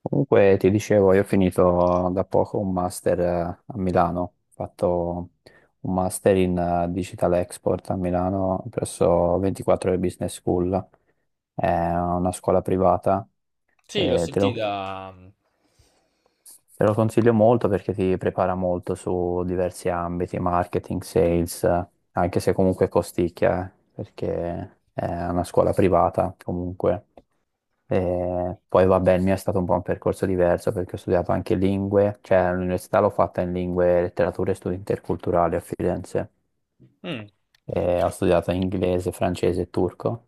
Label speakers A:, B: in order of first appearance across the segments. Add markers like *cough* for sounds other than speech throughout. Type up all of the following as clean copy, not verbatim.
A: Comunque ti dicevo, io ho finito da poco un master a Milano, ho fatto un master in Digital Export a Milano presso 24 ore Business School, è una scuola privata,
B: Sì, l'ho
A: e te lo,
B: sentita.
A: te lo consiglio molto perché ti prepara molto su diversi ambiti, marketing, sales, anche se comunque costicchia, perché è una scuola privata comunque. E poi vabbè, il mio è stato un po' un percorso diverso perché ho studiato anche lingue, cioè all'università l'ho fatta in lingue, letterature e studi interculturali a Firenze.
B: Mm.
A: E ho studiato inglese, francese e turco.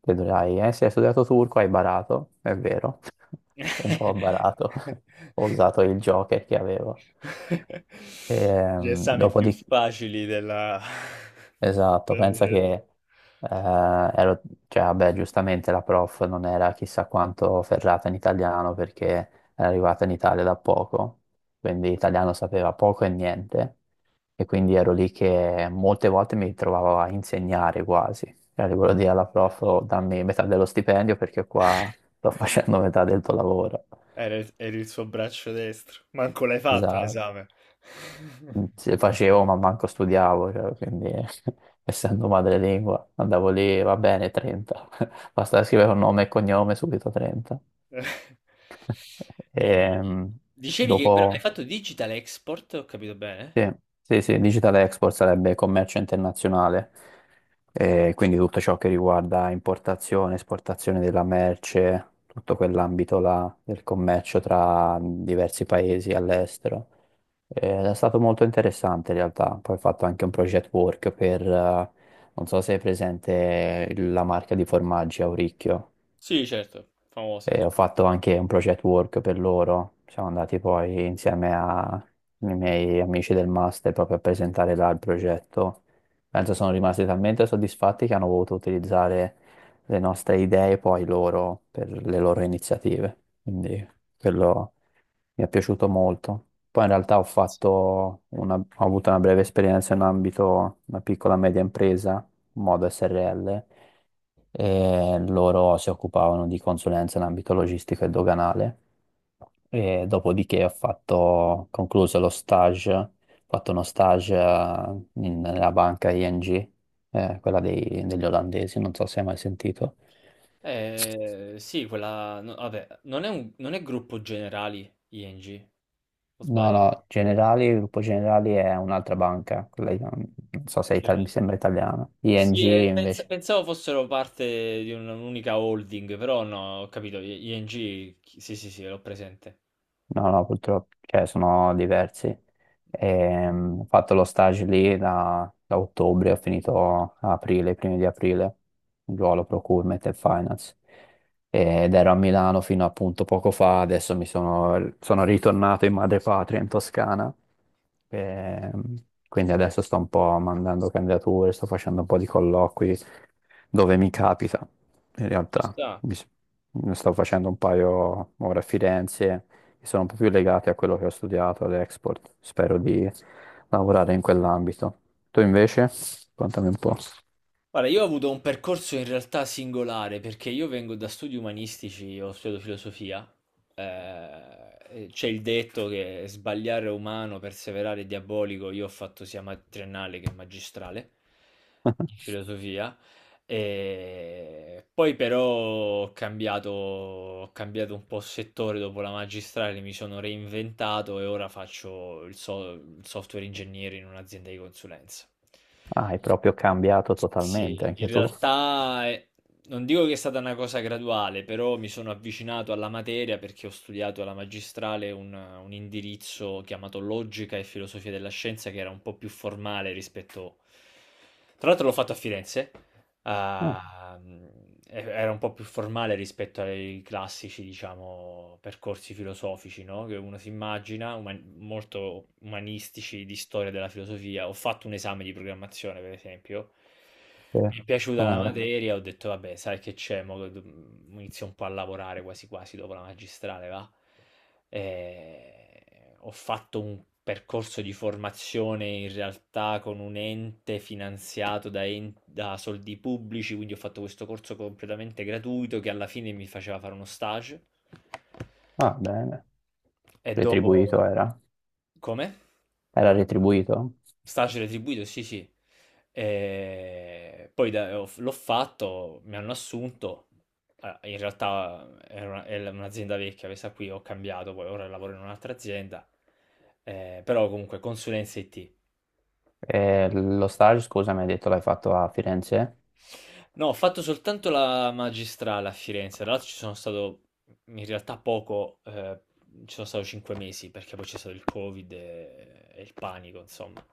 A: E dirai, se hai studiato turco hai barato, è vero, *laughs* un po' ho barato, *laughs* ho
B: *laughs*
A: usato il Joker che avevo.
B: Gli esami più
A: Dopodiché
B: facili della... *laughs*
A: esatto, pensa che
B: del-
A: eh, ero, cioè, vabbè, giustamente la prof non era chissà quanto ferrata in italiano perché era arrivata in Italia da poco, quindi italiano sapeva poco e niente, e quindi ero lì che molte volte mi trovavo a insegnare quasi. Cioè, le volevo dire alla prof, "Oh, dammi metà dello stipendio perché qua sto *laughs* facendo metà del tuo lavoro."
B: Era era il suo braccio destro. Manco l'hai fatto
A: Esatto.
B: l'esame.
A: Se facevo, ma manco studiavo, cioè, quindi *laughs* essendo madrelingua andavo lì, va bene, 30. *laughs* Basta scrivere un nome e cognome, subito 30.
B: *laughs* E...
A: Ehm,
B: Dicevi che però hai
A: Dopo
B: fatto Digital Export, ho capito bene?
A: sì, sì, sì, digital export sarebbe commercio internazionale, quindi tutto ciò che riguarda importazione, esportazione della merce, tutto quell'ambito là del commercio tra diversi paesi all'estero. È stato molto interessante in realtà, poi ho fatto anche un project work per, non so se è presente la marca di formaggi Auricchio.
B: Sì, certo, famosa,
A: E
B: sì.
A: ho fatto anche un project work per loro. Siamo andati poi insieme ai miei amici del master proprio a presentare là il progetto. Penso sono rimasti talmente soddisfatti che hanno voluto utilizzare le nostre idee poi loro per le loro iniziative. Quindi quello mi è piaciuto molto. Poi in realtà ho avuto una breve esperienza in ambito una piccola e media impresa, modo SRL, e loro si occupavano di consulenza in ambito logistico e doganale, e dopodiché ho fatto, concluso lo stage, ho fatto uno stage nella banca ING, quella degli olandesi, non so se hai mai sentito.
B: Sì, quella... No, vabbè, non è gruppo generali ING, o
A: No,
B: sbaglio?
A: no, Generali, il Gruppo Generali è un'altra banca, quella, non so se è mi sembra italiana. ING
B: Sì,
A: invece
B: pensavo fossero parte di un'unica holding, però no, ho capito, ING, sì, sì, sì, l'ho presente.
A: no, no, purtroppo, cioè, sono diversi. Ho fatto lo stage lì da ottobre, ho finito a aprile, i primi di aprile, ruolo procurement e finance. Ed ero a Milano fino appunto poco fa, adesso sono ritornato in madrepatria, in Toscana. Quindi adesso sto un po' mandando candidature, sto facendo un po' di colloqui, dove mi capita. In
B: Ci
A: realtà
B: sta.
A: mi s- ne sto facendo un paio ora a Firenze che sono un po' più legati a quello che ho studiato all'Export. Spero di lavorare in quell'ambito. Tu invece? Contami un po'.
B: Guarda, io ho avuto un percorso in realtà singolare perché io vengo da studi umanistici, ho studiato filosofia. eh, e c'è il detto che sbagliare è umano, perseverare è diabolico. Io ho fatto sia triennale che magistrale in
A: *laughs*
B: filosofia. E poi però ho cambiato un po' settore dopo la magistrale, mi sono reinventato e ora faccio il software ingegnere in un'azienda di consulenza.
A: Ah, hai proprio cambiato totalmente
B: Sì, in
A: anche tu.
B: realtà non dico che è stata una cosa graduale, però mi sono avvicinato alla materia perché ho studiato alla magistrale un indirizzo chiamato Logica e Filosofia della Scienza che era un po' più formale rispetto... Tra l'altro l'ho fatto a Firenze.
A: Ah,
B: Ah, era un po' più formale rispetto ai classici, diciamo, percorsi filosofici, no? Che uno si immagina, molto umanistici di storia della filosofia. Ho fatto un esame di programmazione, per esempio.
A: sì.
B: Mi è piaciuta la
A: Com'era?
B: materia, ho detto, vabbè, sai che c'è, inizio un po' a lavorare quasi quasi dopo la magistrale, va? Ho fatto un percorso di formazione in realtà con un ente finanziato da soldi pubblici, quindi ho fatto questo corso completamente gratuito che alla fine mi faceva fare uno stage
A: Ah, bene.
B: e dopo...
A: Retribuito era?
B: Come?
A: Era retribuito?
B: Staci retribuito, sì, sì. E poi l'ho fatto, mi hanno assunto. Ah, in realtà era è un'azienda vecchia, questa qui ho cambiato, poi ora lavoro in un'altra azienda. Però comunque consulenza IT.
A: E lo stage, scusa, mi hai detto l'hai fatto a Firenze?
B: No, ho fatto soltanto la magistrale a Firenze, tra l'altro ci sono stato in realtà poco, ci sono stato cinque mesi perché poi c'è stato il Covid e il panico, insomma.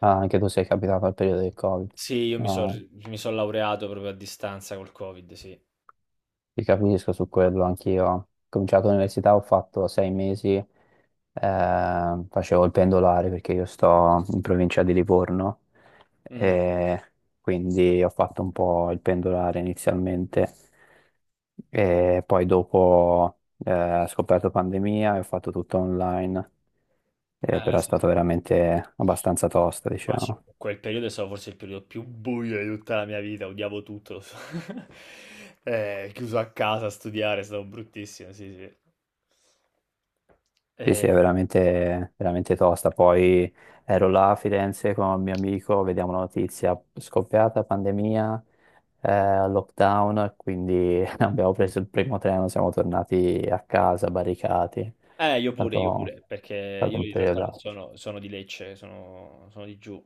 A: Ah, anche tu sei capitato al periodo del Covid.
B: Sì, io mi sono
A: Ah.
B: mi son laureato proprio a distanza col Covid, sì.
A: Ti capisco su quello, anch'io. Ho cominciato l'università, ho fatto 6 mesi, facevo il pendolare perché io sto in provincia di Livorno,
B: Mh.
A: e quindi ho fatto un po' il pendolare inizialmente e poi dopo ho scoperto pandemia e ho fatto tutto online, però è
B: Sì,
A: stato
B: sì.
A: veramente abbastanza tosta,
B: Ma sì,
A: diciamo.
B: quel periodo è stato forse il periodo più buio di tutta la mia vita, odiavo tutto. *laughs* Chiuso a casa a studiare, è stato bruttissimo, sì, sì.
A: Sì, sì, è
B: Ehm,
A: veramente, veramente tosta. Poi ero là a Firenze con un mio amico, vediamo la notizia, scoppiata pandemia, lockdown, quindi *laughs* abbiamo preso il primo treno, siamo tornati a casa, barricati.
B: eh, io pure, perché
A: È stato
B: io
A: un
B: in realtà non
A: periodaccio.
B: sono sono di Lecce, sono di giù.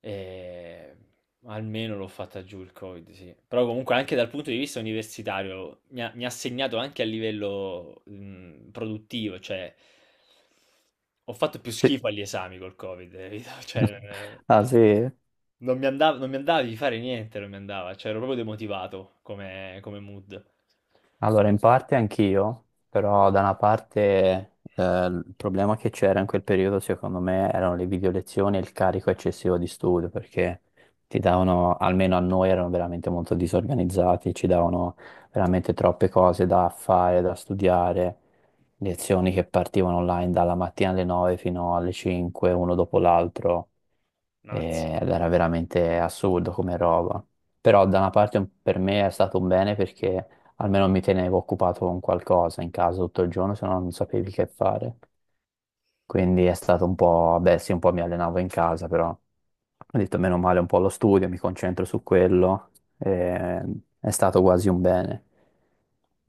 B: E almeno l'ho fatta giù il Covid, sì. Però comunque anche dal punto di vista universitario mi ha segnato anche a livello produttivo, cioè ho fatto più
A: Sì.
B: schifo agli esami col Covid, capito? *laughs*
A: *laughs* Ah sì?
B: Non mi andava, di fare niente, non mi andava, cioè ero proprio demotivato come mood.
A: Allora, in parte anch'io, però da una parte il problema che c'era in quel periodo secondo me erano le video lezioni e il carico eccessivo di studio perché ti davano, almeno a noi erano veramente molto disorganizzati, ci davano veramente troppe cose da fare, da studiare, lezioni che partivano online dalla mattina alle 9 fino alle 5, uno dopo l'altro,
B: Mazza.
A: ed era veramente assurdo come roba. Però da una parte per me è stato un bene perché almeno mi tenevo occupato con qualcosa in casa tutto il giorno, se no non sapevi che fare. Quindi è stato un po', beh sì, un po' mi allenavo in casa, però ho detto meno male un po' lo studio, mi concentro su quello, eh, è stato quasi un bene.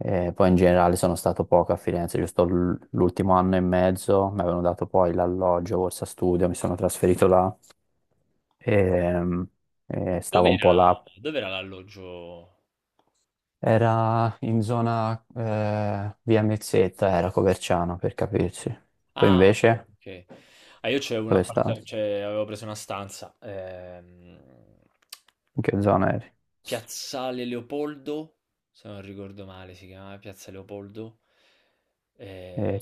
A: Poi in generale sono stato poco a Firenze, giusto l'ultimo anno e mezzo, mi avevano dato poi l'alloggio, borsa studio, mi sono trasferito là e, e stavo un po'
B: Dov'era,
A: là.
B: dov'era l'alloggio?
A: Era in zona via Mezzetta, era Coverciano per capirsi. Tu
B: Ah, ok,
A: invece
B: ok. Ah, io c'avevo un
A: dove stavi?
B: appartamento, avevo preso una stanza
A: In che zona eri?
B: Piazzale Leopoldo, se non ricordo male si chiamava Piazza Leopoldo. Eh,
A: E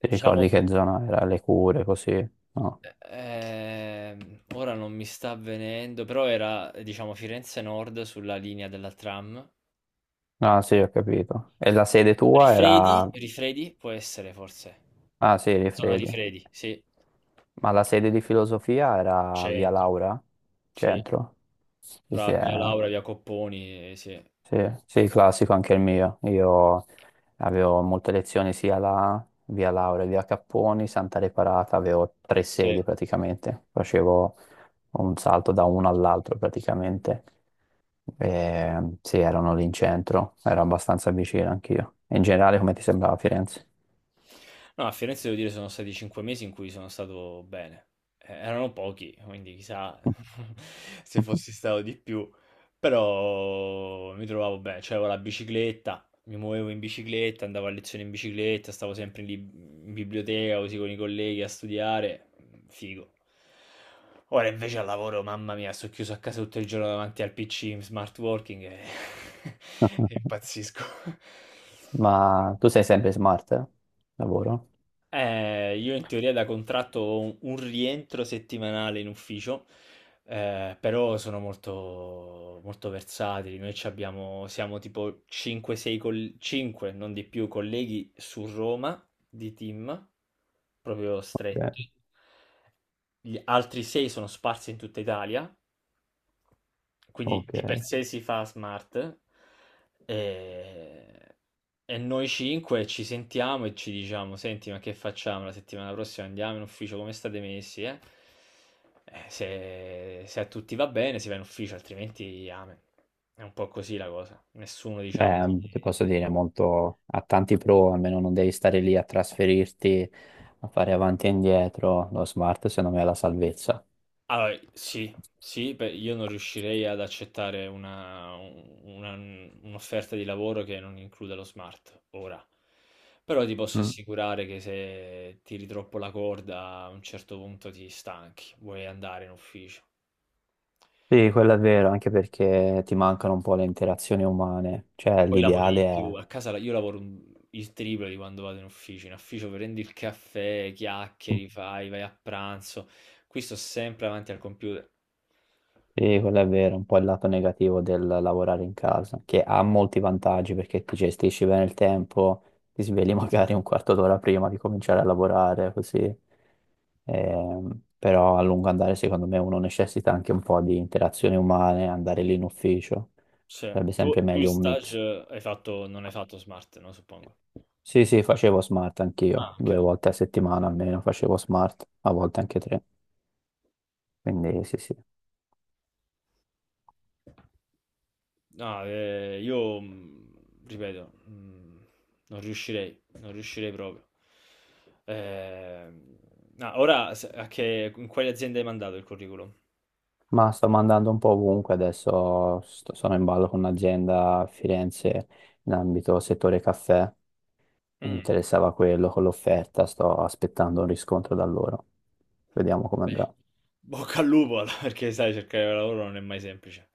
A: ti
B: diciamo,
A: ricordi che zona era? Le cure, così? No.
B: ora non mi sta avvenendo, però era, diciamo, Firenze Nord sulla linea della tram.
A: Ah sì, ho capito. E la sede tua
B: Rifredi?
A: era...
B: Rifredi può essere forse.
A: Ah sì,
B: Zona
A: Rifredi.
B: Rifredi, sì.
A: Ma la sede di filosofia era via
B: Centro,
A: Laura?
B: sì.
A: Centro? Sì,
B: Tra
A: sì,
B: via
A: eh.
B: Laura, via Copponi, sì.
A: Sì, sì, classico anche il mio. Io avevo molte lezioni sia la via Laura, via Capponi, Santa Reparata, avevo tre
B: Sì.
A: sedi praticamente, facevo un salto da uno all'altro praticamente. E, sì, erano lì in centro, ero abbastanza vicino anch'io. In generale, come ti sembrava Firenze?
B: No, a Firenze devo dire sono stati 5 mesi in cui sono stato bene. Erano pochi, quindi chissà *laughs* se fossi stato di più, però mi trovavo bene, cioè avevo la bicicletta, mi muovevo in bicicletta, andavo a lezione in bicicletta, stavo sempre in biblioteca così con i colleghi a studiare, figo. Ora invece al lavoro, mamma mia, sto chiuso a casa tutto il giorno davanti al PC in smart working e, *laughs* e
A: *laughs*
B: impazzisco.
A: Ma tu sei sempre smart? Eh? Lavoro?
B: Io in teoria da contratto ho un rientro settimanale in ufficio, però sono molto, molto versatili. Noi ci abbiamo, siamo tipo 5-6, 5, non di più, colleghi su Roma di team, proprio
A: Ok,
B: stretti. Gli altri 6 sono sparsi in tutta Italia, quindi
A: ok.
B: di per sé si fa smart e, e noi cinque ci sentiamo e ci diciamo, senti, ma che facciamo la settimana prossima? Andiamo in ufficio, come state messi, eh?" Se, se a tutti va bene si va in ufficio, altrimenti amen. È un po' così la cosa. Nessuno, diciamo, ti-
A: Beh, ti posso dire, molto, ha tanti pro, almeno non devi stare lì a trasferirti, a fare avanti e indietro. Lo smart, secondo me, è la salvezza.
B: Allora, sì, sì, beh, io non riuscirei ad accettare un'offerta di lavoro che non includa lo smart ora. Però ti posso
A: Mm.
B: assicurare che se tiri troppo la corda a un certo punto ti stanchi, vuoi andare in ufficio.
A: Sì, quello è vero, anche perché ti mancano un po' le interazioni umane. Cioè,
B: Poi lavori
A: l'ideale
B: di più,
A: è...
B: io il triplo di quando vado in ufficio prendi il caffè,
A: Mm.
B: chiacchieri, fai, vai a pranzo, qui sto sempre davanti al computer.
A: Sì, quello è vero, un po' il lato negativo del lavorare in casa, che ha molti vantaggi perché ti gestisci bene il tempo, ti svegli *laughs* magari un quarto d'ora prima di cominciare a lavorare, così. Ehm, Però a lungo andare secondo me uno necessita anche un po' di interazioni umane, andare lì in ufficio,
B: Sì.
A: sarebbe sempre
B: Tu in
A: meglio un
B: stage
A: mix.
B: hai fatto, non hai fatto smart, no, suppongo.
A: Sì, sì, facevo smart anch'io,
B: Ah, anche
A: due
B: tu.
A: volte a settimana almeno facevo smart, a volte anche tre, quindi sì, sì.
B: No, io ripeto, non riuscirei proprio. Eh, no, ora in quale azienda hai mandato il curriculum?
A: Ma sto mandando un po' ovunque, sono in ballo con un'azienda a Firenze in ambito settore caffè, mi
B: Mm,
A: interessava quello con l'offerta, sto aspettando un riscontro da loro, vediamo come
B: beh,
A: andrà.
B: bocca al lupo, *laughs* allora, perché sai, cercare lavoro non è mai semplice.